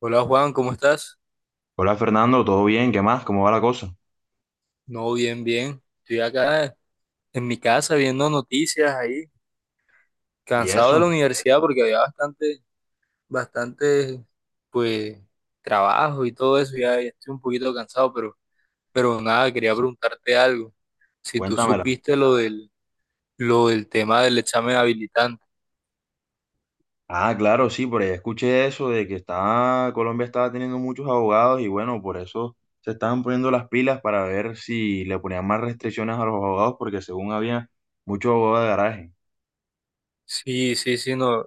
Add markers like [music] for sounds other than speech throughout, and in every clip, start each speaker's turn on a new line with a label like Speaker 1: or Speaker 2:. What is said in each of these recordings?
Speaker 1: Hola Juan, ¿cómo estás?
Speaker 2: Hola Fernando, ¿todo bien? ¿Qué más? ¿Cómo va la cosa?
Speaker 1: No, bien, bien. Estoy acá en mi casa viendo noticias ahí,
Speaker 2: ¿Y
Speaker 1: cansado de la
Speaker 2: eso?
Speaker 1: universidad porque había bastante, bastante, pues, trabajo y todo eso. Ya, ya estoy un poquito cansado, pero nada, quería preguntarte algo. Si tú
Speaker 2: Cuéntamela.
Speaker 1: supiste lo del tema del examen habilitante.
Speaker 2: Ah, claro, sí, por ahí escuché eso de que estaba, Colombia estaba teniendo muchos abogados y bueno, por eso se estaban poniendo las pilas para ver si le ponían más restricciones a los abogados porque según había muchos abogados de garaje.
Speaker 1: Sí, sí, sí, no.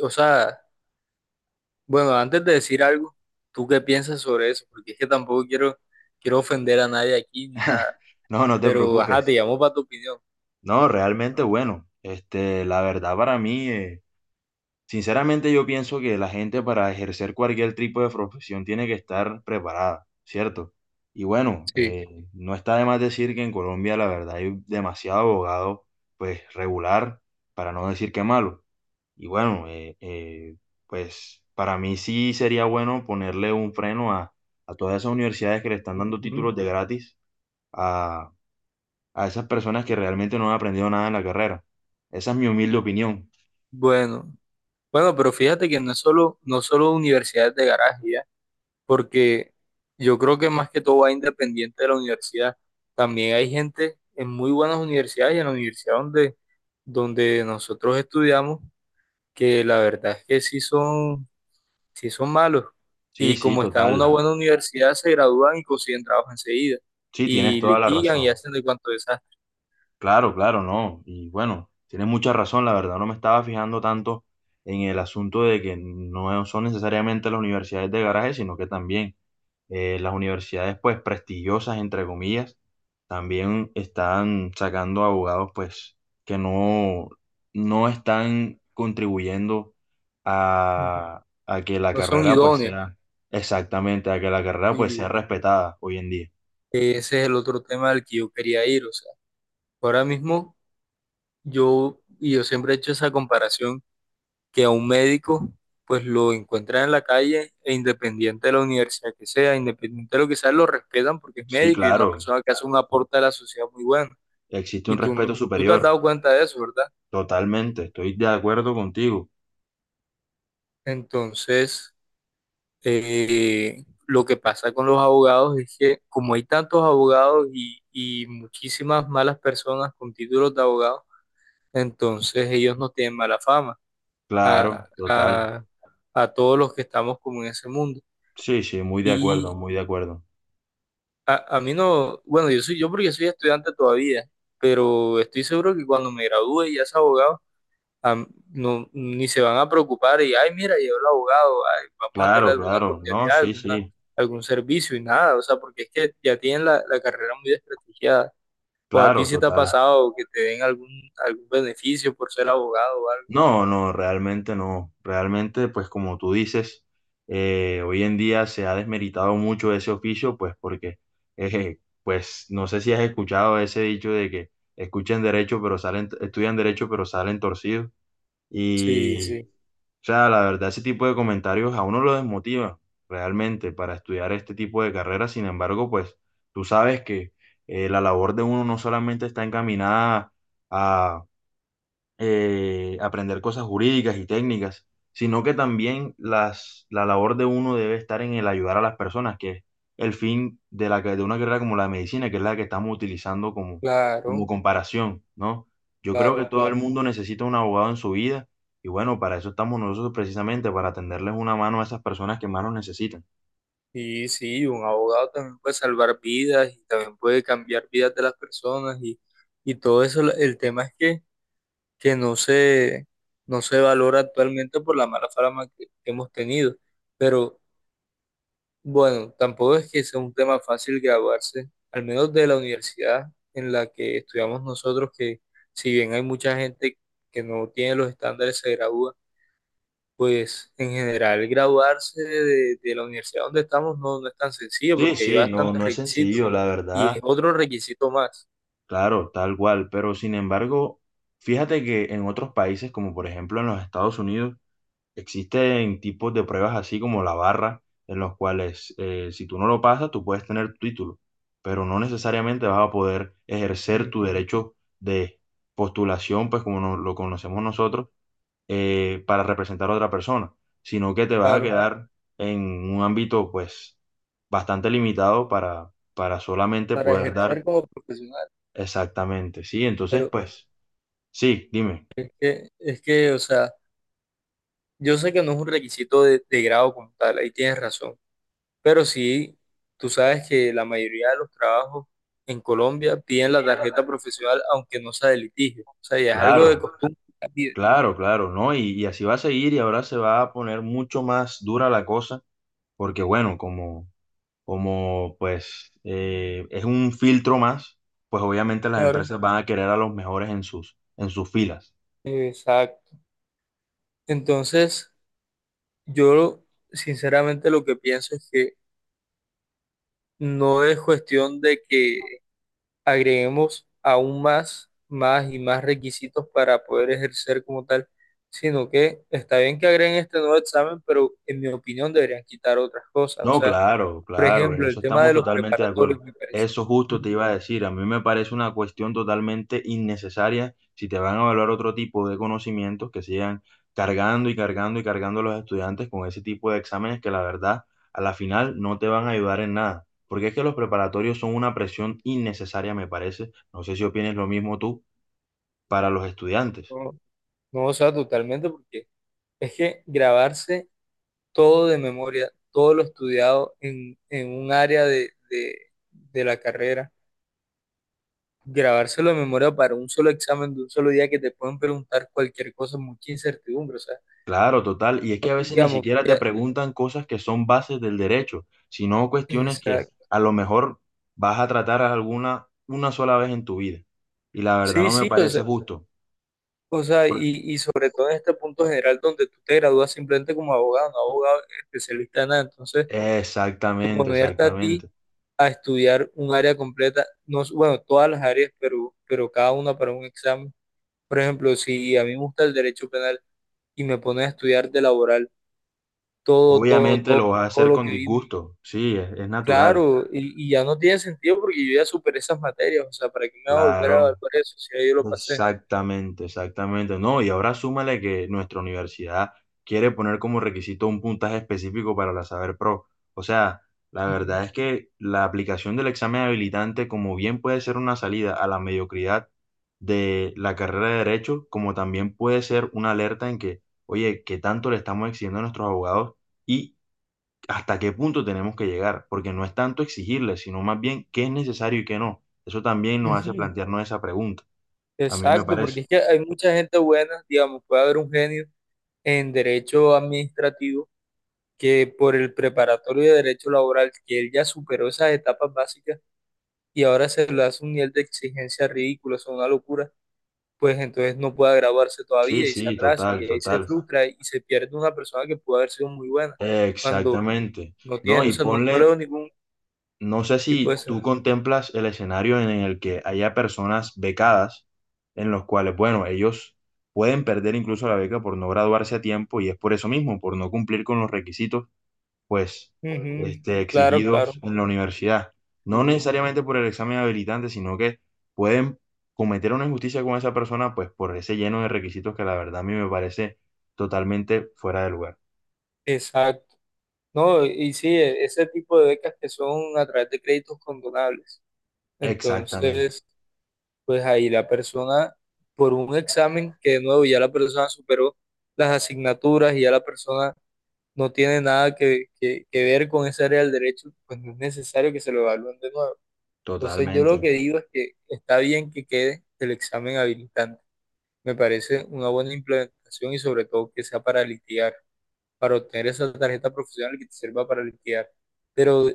Speaker 1: O sea, bueno, antes de decir algo, ¿tú qué piensas sobre eso? Porque es que tampoco quiero ofender a nadie aquí ni nada.
Speaker 2: [laughs] No, no te
Speaker 1: Pero, ajá, te
Speaker 2: preocupes.
Speaker 1: llamo para tu opinión.
Speaker 2: No, realmente bueno. Este, la verdad para mí. Sinceramente yo pienso que la gente para ejercer cualquier tipo de profesión tiene que estar preparada, ¿cierto? Y bueno,
Speaker 1: Sí.
Speaker 2: no está de más decir que en Colombia la verdad hay demasiado abogado, pues regular, para no decir que malo. Y bueno, pues para mí sí sería bueno ponerle un freno a todas esas universidades que le están dando
Speaker 1: Ujú.
Speaker 2: títulos de gratis a, a esas personas que realmente no han aprendido nada en la carrera. Esa es mi humilde opinión.
Speaker 1: Bueno, bueno, pero fíjate que no solo universidades de garaje, ¿ya? Porque yo creo que más que todo va independiente de la universidad. También hay gente en muy buenas universidades y en donde nosotros estudiamos, que la verdad es que sí son malos.
Speaker 2: Sí,
Speaker 1: Y
Speaker 2: sí,
Speaker 1: como están en una
Speaker 2: total.
Speaker 1: buena universidad, se gradúan y consiguen trabajo enseguida.
Speaker 2: Sí, tienes
Speaker 1: Y
Speaker 2: toda la
Speaker 1: litigan y
Speaker 2: razón.
Speaker 1: hacen de cuanto desastre.
Speaker 2: Claro, claro, no. Y bueno, tienes mucha razón. La verdad, no me estaba fijando tanto en el asunto de que no son necesariamente las universidades de garaje, sino que también las universidades, pues, prestigiosas, entre comillas, también están sacando abogados, pues, que no, no están contribuyendo
Speaker 1: Ujú.
Speaker 2: a que la
Speaker 1: No son
Speaker 2: carrera, pues,
Speaker 1: idóneos.
Speaker 2: sea exactamente, a que la carrera, pues, sea
Speaker 1: Sí.
Speaker 2: respetada hoy en día.
Speaker 1: Ese es el otro tema al que yo quería ir. O sea, ahora mismo y yo siempre he hecho esa comparación, que a un médico pues lo encuentran en la calle e independiente de la universidad que sea, independiente de lo que sea, lo respetan porque es
Speaker 2: Sí,
Speaker 1: médico y es una
Speaker 2: claro.
Speaker 1: persona que hace un aporte a la sociedad muy bueno.
Speaker 2: Existe
Speaker 1: Y
Speaker 2: un
Speaker 1: tú,
Speaker 2: respeto
Speaker 1: tú te has
Speaker 2: superior.
Speaker 1: dado cuenta de eso, ¿verdad?
Speaker 2: Totalmente, estoy de acuerdo contigo.
Speaker 1: Entonces, lo que pasa con los abogados es que como hay tantos abogados y muchísimas malas personas con títulos de abogados, entonces ellos no tienen mala fama a,
Speaker 2: Claro, total.
Speaker 1: a- a todos los que estamos como en ese mundo.
Speaker 2: Sí, sí, muy de acuerdo,
Speaker 1: Y
Speaker 2: muy de acuerdo.
Speaker 1: a mí no, bueno, yo soy yo porque soy estudiante todavía, pero estoy seguro que cuando me gradúe y ya sea abogado, a- no, ni se van a preocupar y, ay, mira, llegó el abogado, ay, vamos a tener
Speaker 2: Claro,
Speaker 1: alguna
Speaker 2: claro. No,
Speaker 1: cortesía,
Speaker 2: sí,
Speaker 1: alguna,
Speaker 2: sí.
Speaker 1: algún servicio y nada, o sea, porque es que ya tienen la carrera muy desprestigiada. O a ti
Speaker 2: Claro,
Speaker 1: si te ha
Speaker 2: total.
Speaker 1: pasado que te den algún beneficio por ser abogado o algo.
Speaker 2: No, no, realmente no. Realmente, pues como tú dices, hoy en día se ha desmeritado mucho ese oficio, pues porque, pues no sé si has escuchado ese dicho de que escuchen derecho, pero salen, estudian derecho, pero salen torcidos.
Speaker 1: Sí,
Speaker 2: Y
Speaker 1: sí.
Speaker 2: o sea, la verdad, ese tipo de comentarios a uno lo desmotiva realmente para estudiar este tipo de carreras. Sin embargo, pues tú sabes que la labor de uno no solamente está encaminada a, aprender cosas jurídicas y técnicas, sino que también la labor de uno debe estar en el ayudar a las personas, que es el fin de, de una carrera como la medicina, que es la que estamos utilizando como, como
Speaker 1: Claro,
Speaker 2: comparación, ¿no? Yo creo que
Speaker 1: claro,
Speaker 2: todo el
Speaker 1: claro.
Speaker 2: mundo necesita un abogado en su vida y bueno, para eso estamos nosotros precisamente, para tenderles una mano a esas personas que más nos necesitan.
Speaker 1: Y sí, un abogado también puede salvar vidas y también puede cambiar vidas de las personas y todo eso. El tema es que no se valora actualmente por la mala fama que hemos tenido. Pero bueno, tampoco es que sea un tema fácil graduarse, al menos de la universidad en la que estudiamos nosotros, que si bien hay mucha gente que no tiene los estándares, se gradúa. Pues en general graduarse de la universidad donde estamos no, no es tan sencillo
Speaker 2: Sí,
Speaker 1: porque hay
Speaker 2: sí, no,
Speaker 1: bastantes
Speaker 2: no es
Speaker 1: requisitos
Speaker 2: sencillo, la
Speaker 1: y es
Speaker 2: verdad,
Speaker 1: otro requisito más,
Speaker 2: claro, tal cual, pero sin embargo, fíjate que en otros países, como por ejemplo en los Estados Unidos, existen tipos de pruebas así como la barra, en los cuales si tú no lo pasas, tú puedes tener tu título, pero no necesariamente vas a poder ejercer tu
Speaker 1: mm,
Speaker 2: derecho de postulación, pues como no- lo conocemos nosotros, para representar a otra persona, sino que te vas a
Speaker 1: claro,
Speaker 2: quedar en un ámbito pues bastante limitado para solamente
Speaker 1: para
Speaker 2: poder dar
Speaker 1: ejercer como profesional.
Speaker 2: exactamente, ¿sí? Entonces,
Speaker 1: Pero
Speaker 2: pues, sí, dime.
Speaker 1: o sea, yo sé que no es un requisito de grado como tal, ahí tienes razón, pero sí, tú sabes que la mayoría de los trabajos en Colombia piden la tarjeta profesional aunque no sea de litigio, o sea, ya es algo de
Speaker 2: Claro.
Speaker 1: costumbre que la piden.
Speaker 2: Claro, claro, ¿no? Y así va a seguir y ahora se va a poner mucho más dura la cosa, porque bueno, como, como pues es un filtro más, pues obviamente las
Speaker 1: Claro.
Speaker 2: empresas van a querer a los mejores en sus filas.
Speaker 1: Exacto. Entonces, yo sinceramente lo que pienso es que no es cuestión de que agreguemos aún más y más requisitos para poder ejercer como tal, sino que está bien que agreguen este nuevo examen, pero en mi opinión deberían quitar otras cosas. O
Speaker 2: No,
Speaker 1: sea,
Speaker 2: claro,
Speaker 1: por
Speaker 2: claro, en
Speaker 1: ejemplo, el
Speaker 2: eso
Speaker 1: tema
Speaker 2: estamos
Speaker 1: de los
Speaker 2: totalmente de
Speaker 1: preparatorios
Speaker 2: acuerdo.
Speaker 1: me parece
Speaker 2: Eso
Speaker 1: que
Speaker 2: justo te iba a decir, a mí me parece una cuestión totalmente innecesaria si te van a evaluar otro tipo de conocimientos que sigan cargando y cargando y cargando a los estudiantes con ese tipo de exámenes que la verdad a la final no te van a ayudar en nada, porque es que los preparatorios son una presión innecesaria, me parece. No sé si opines lo mismo tú para los estudiantes.
Speaker 1: no, no, o sea, totalmente, porque es que grabarse todo de memoria, todo lo estudiado en un área de la carrera. Grabárselo de memoria para un solo examen de un solo día que te pueden preguntar cualquier cosa, mucha incertidumbre, o sea,
Speaker 2: Claro, total. Y es que a veces ni
Speaker 1: digamos,
Speaker 2: siquiera te
Speaker 1: ya,
Speaker 2: preguntan cosas que son bases del derecho, sino cuestiones que
Speaker 1: exacto.
Speaker 2: a lo mejor vas a tratar alguna una sola vez en tu vida. Y la verdad
Speaker 1: Sí,
Speaker 2: no me
Speaker 1: sí, o
Speaker 2: parece
Speaker 1: sea,
Speaker 2: justo.
Speaker 1: o sea, y,
Speaker 2: Por-
Speaker 1: y sobre todo en este punto general donde tú te gradúas simplemente como abogado, no abogado especialista en nada, entonces
Speaker 2: Exactamente,
Speaker 1: ponerte a ti
Speaker 2: exactamente.
Speaker 1: a estudiar un área completa, no, bueno, todas las áreas, pero cada una para un examen. Por ejemplo, si a mí me gusta el derecho penal y me pones a estudiar de laboral, todo, todo,
Speaker 2: Obviamente
Speaker 1: todo,
Speaker 2: lo vas a
Speaker 1: todo
Speaker 2: hacer
Speaker 1: lo
Speaker 2: con
Speaker 1: que vi.
Speaker 2: disgusto. Sí, es natural.
Speaker 1: Claro, y ya no tiene sentido porque yo ya superé esas materias, o sea, ¿para qué me voy a volver a evaluar
Speaker 2: Claro.
Speaker 1: eso si ya yo lo pasé?
Speaker 2: Exactamente, exactamente. No, y ahora súmale que nuestra universidad quiere poner como requisito un puntaje específico para la Saber Pro. O sea, la
Speaker 1: Ujú.
Speaker 2: verdad es que la aplicación del examen habilitante, como bien puede ser una salida a la mediocridad de la carrera de Derecho, como también puede ser una alerta en que, oye, ¿qué tanto le estamos exigiendo a nuestros abogados y hasta qué punto tenemos que llegar? Porque no es tanto exigirles, sino más bien qué es necesario y qué no. Eso también nos hace
Speaker 1: Ujú.
Speaker 2: plantearnos esa pregunta. A mí me
Speaker 1: Exacto,
Speaker 2: parece.
Speaker 1: porque es que hay mucha gente buena, digamos, puede haber un genio en derecho administrativo que por el preparatorio de derecho laboral, que él ya superó esas etapas básicas y ahora se le hace un nivel de exigencia ridículo, es una locura, pues entonces no puede graduarse
Speaker 2: Sí,
Speaker 1: todavía y se
Speaker 2: sí,
Speaker 1: atrasa y
Speaker 2: total,
Speaker 1: ahí se
Speaker 2: total.
Speaker 1: frustra y se pierde una persona que puede haber sido muy buena cuando
Speaker 2: Exactamente.
Speaker 1: no
Speaker 2: No,
Speaker 1: tiene, o
Speaker 2: y
Speaker 1: sea, no, no le
Speaker 2: ponle,
Speaker 1: veo ningún.
Speaker 2: no sé
Speaker 1: Sí,
Speaker 2: si
Speaker 1: puede
Speaker 2: tú
Speaker 1: ser.
Speaker 2: contemplas el escenario en el que haya personas becadas, en los cuales, bueno, ellos pueden perder incluso la beca por no graduarse a tiempo y es por eso mismo, por no cumplir con los requisitos pues,
Speaker 1: Ujú.
Speaker 2: este,
Speaker 1: Claro, claro.
Speaker 2: exigidos en la universidad. No
Speaker 1: Sí.
Speaker 2: necesariamente por el examen habilitante, sino que pueden cometer una injusticia con esa persona, pues, por ese lleno de requisitos que la verdad a mí me parece totalmente fuera de lugar.
Speaker 1: Exacto. No, y sí, ese tipo de becas que son a través de créditos condonables.
Speaker 2: Exactamente,
Speaker 1: Entonces, pues ahí la persona, por un examen que de nuevo ya la persona superó las asignaturas y ya la persona no tiene nada que ver con esa área del derecho, pues no es necesario que se lo evalúen de nuevo. Entonces, yo lo
Speaker 2: totalmente.
Speaker 1: que digo es que está bien que quede el examen habilitante. Me parece una buena implementación y sobre todo que sea para litigar, para obtener esa tarjeta profesional que te sirva para liquidar. Pero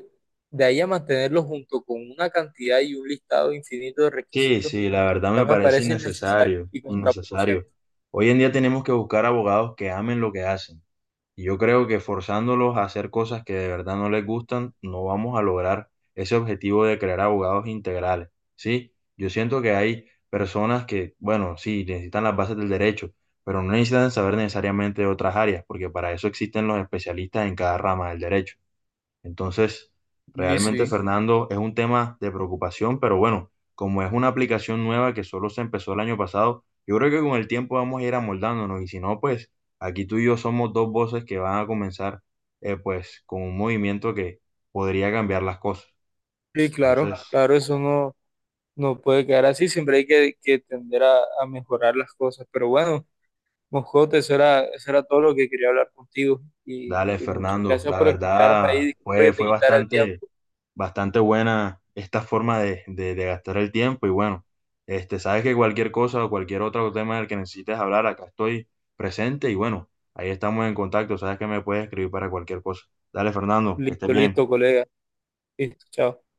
Speaker 1: de ahí a mantenerlo junto con una cantidad y un listado infinito de
Speaker 2: Sí,
Speaker 1: requisitos,
Speaker 2: sí, la verdad
Speaker 1: ya
Speaker 2: me
Speaker 1: me
Speaker 2: parece
Speaker 1: parece innecesario
Speaker 2: innecesario,
Speaker 1: y
Speaker 2: innecesario.
Speaker 1: contraproducente.
Speaker 2: Hoy en día tenemos que buscar abogados que amen lo que hacen. Y yo creo que forzándolos a hacer cosas que de verdad no les gustan, no vamos a lograr ese objetivo de crear abogados integrales, ¿sí? Yo siento que hay personas que, bueno, sí, necesitan las bases del derecho, pero no necesitan saber necesariamente de otras áreas, porque para eso existen los especialistas en cada rama del derecho. Entonces,
Speaker 1: Y
Speaker 2: realmente,
Speaker 1: sí,
Speaker 2: Fernando, es un tema de preocupación, pero bueno, como es una aplicación nueva que solo se empezó el año pasado, yo creo que con el tiempo vamos a ir amoldándonos y si no, pues aquí tú y yo somos dos voces que van a comenzar pues con un movimiento que podría cambiar las cosas.
Speaker 1: sí, claro,
Speaker 2: Entonces,
Speaker 1: claro, eso no, no puede quedar así, siempre hay que tender a mejorar las cosas. Pero bueno, Moscote, eso era todo lo que quería hablar contigo
Speaker 2: dale,
Speaker 1: y muchas
Speaker 2: Fernando,
Speaker 1: gracias
Speaker 2: la
Speaker 1: por escucharme ahí,
Speaker 2: verdad
Speaker 1: disculpa
Speaker 2: fue,
Speaker 1: que te quitara el tiempo.
Speaker 2: bastante buena esta forma de gastar el tiempo y bueno, este, sabes que cualquier cosa o cualquier otro tema del que necesites hablar, acá estoy presente y bueno, ahí estamos en contacto, sabes que me puedes escribir para cualquier cosa. Dale, Fernando, que estés
Speaker 1: Listo,
Speaker 2: bien.
Speaker 1: listo, colega. Listo, chao.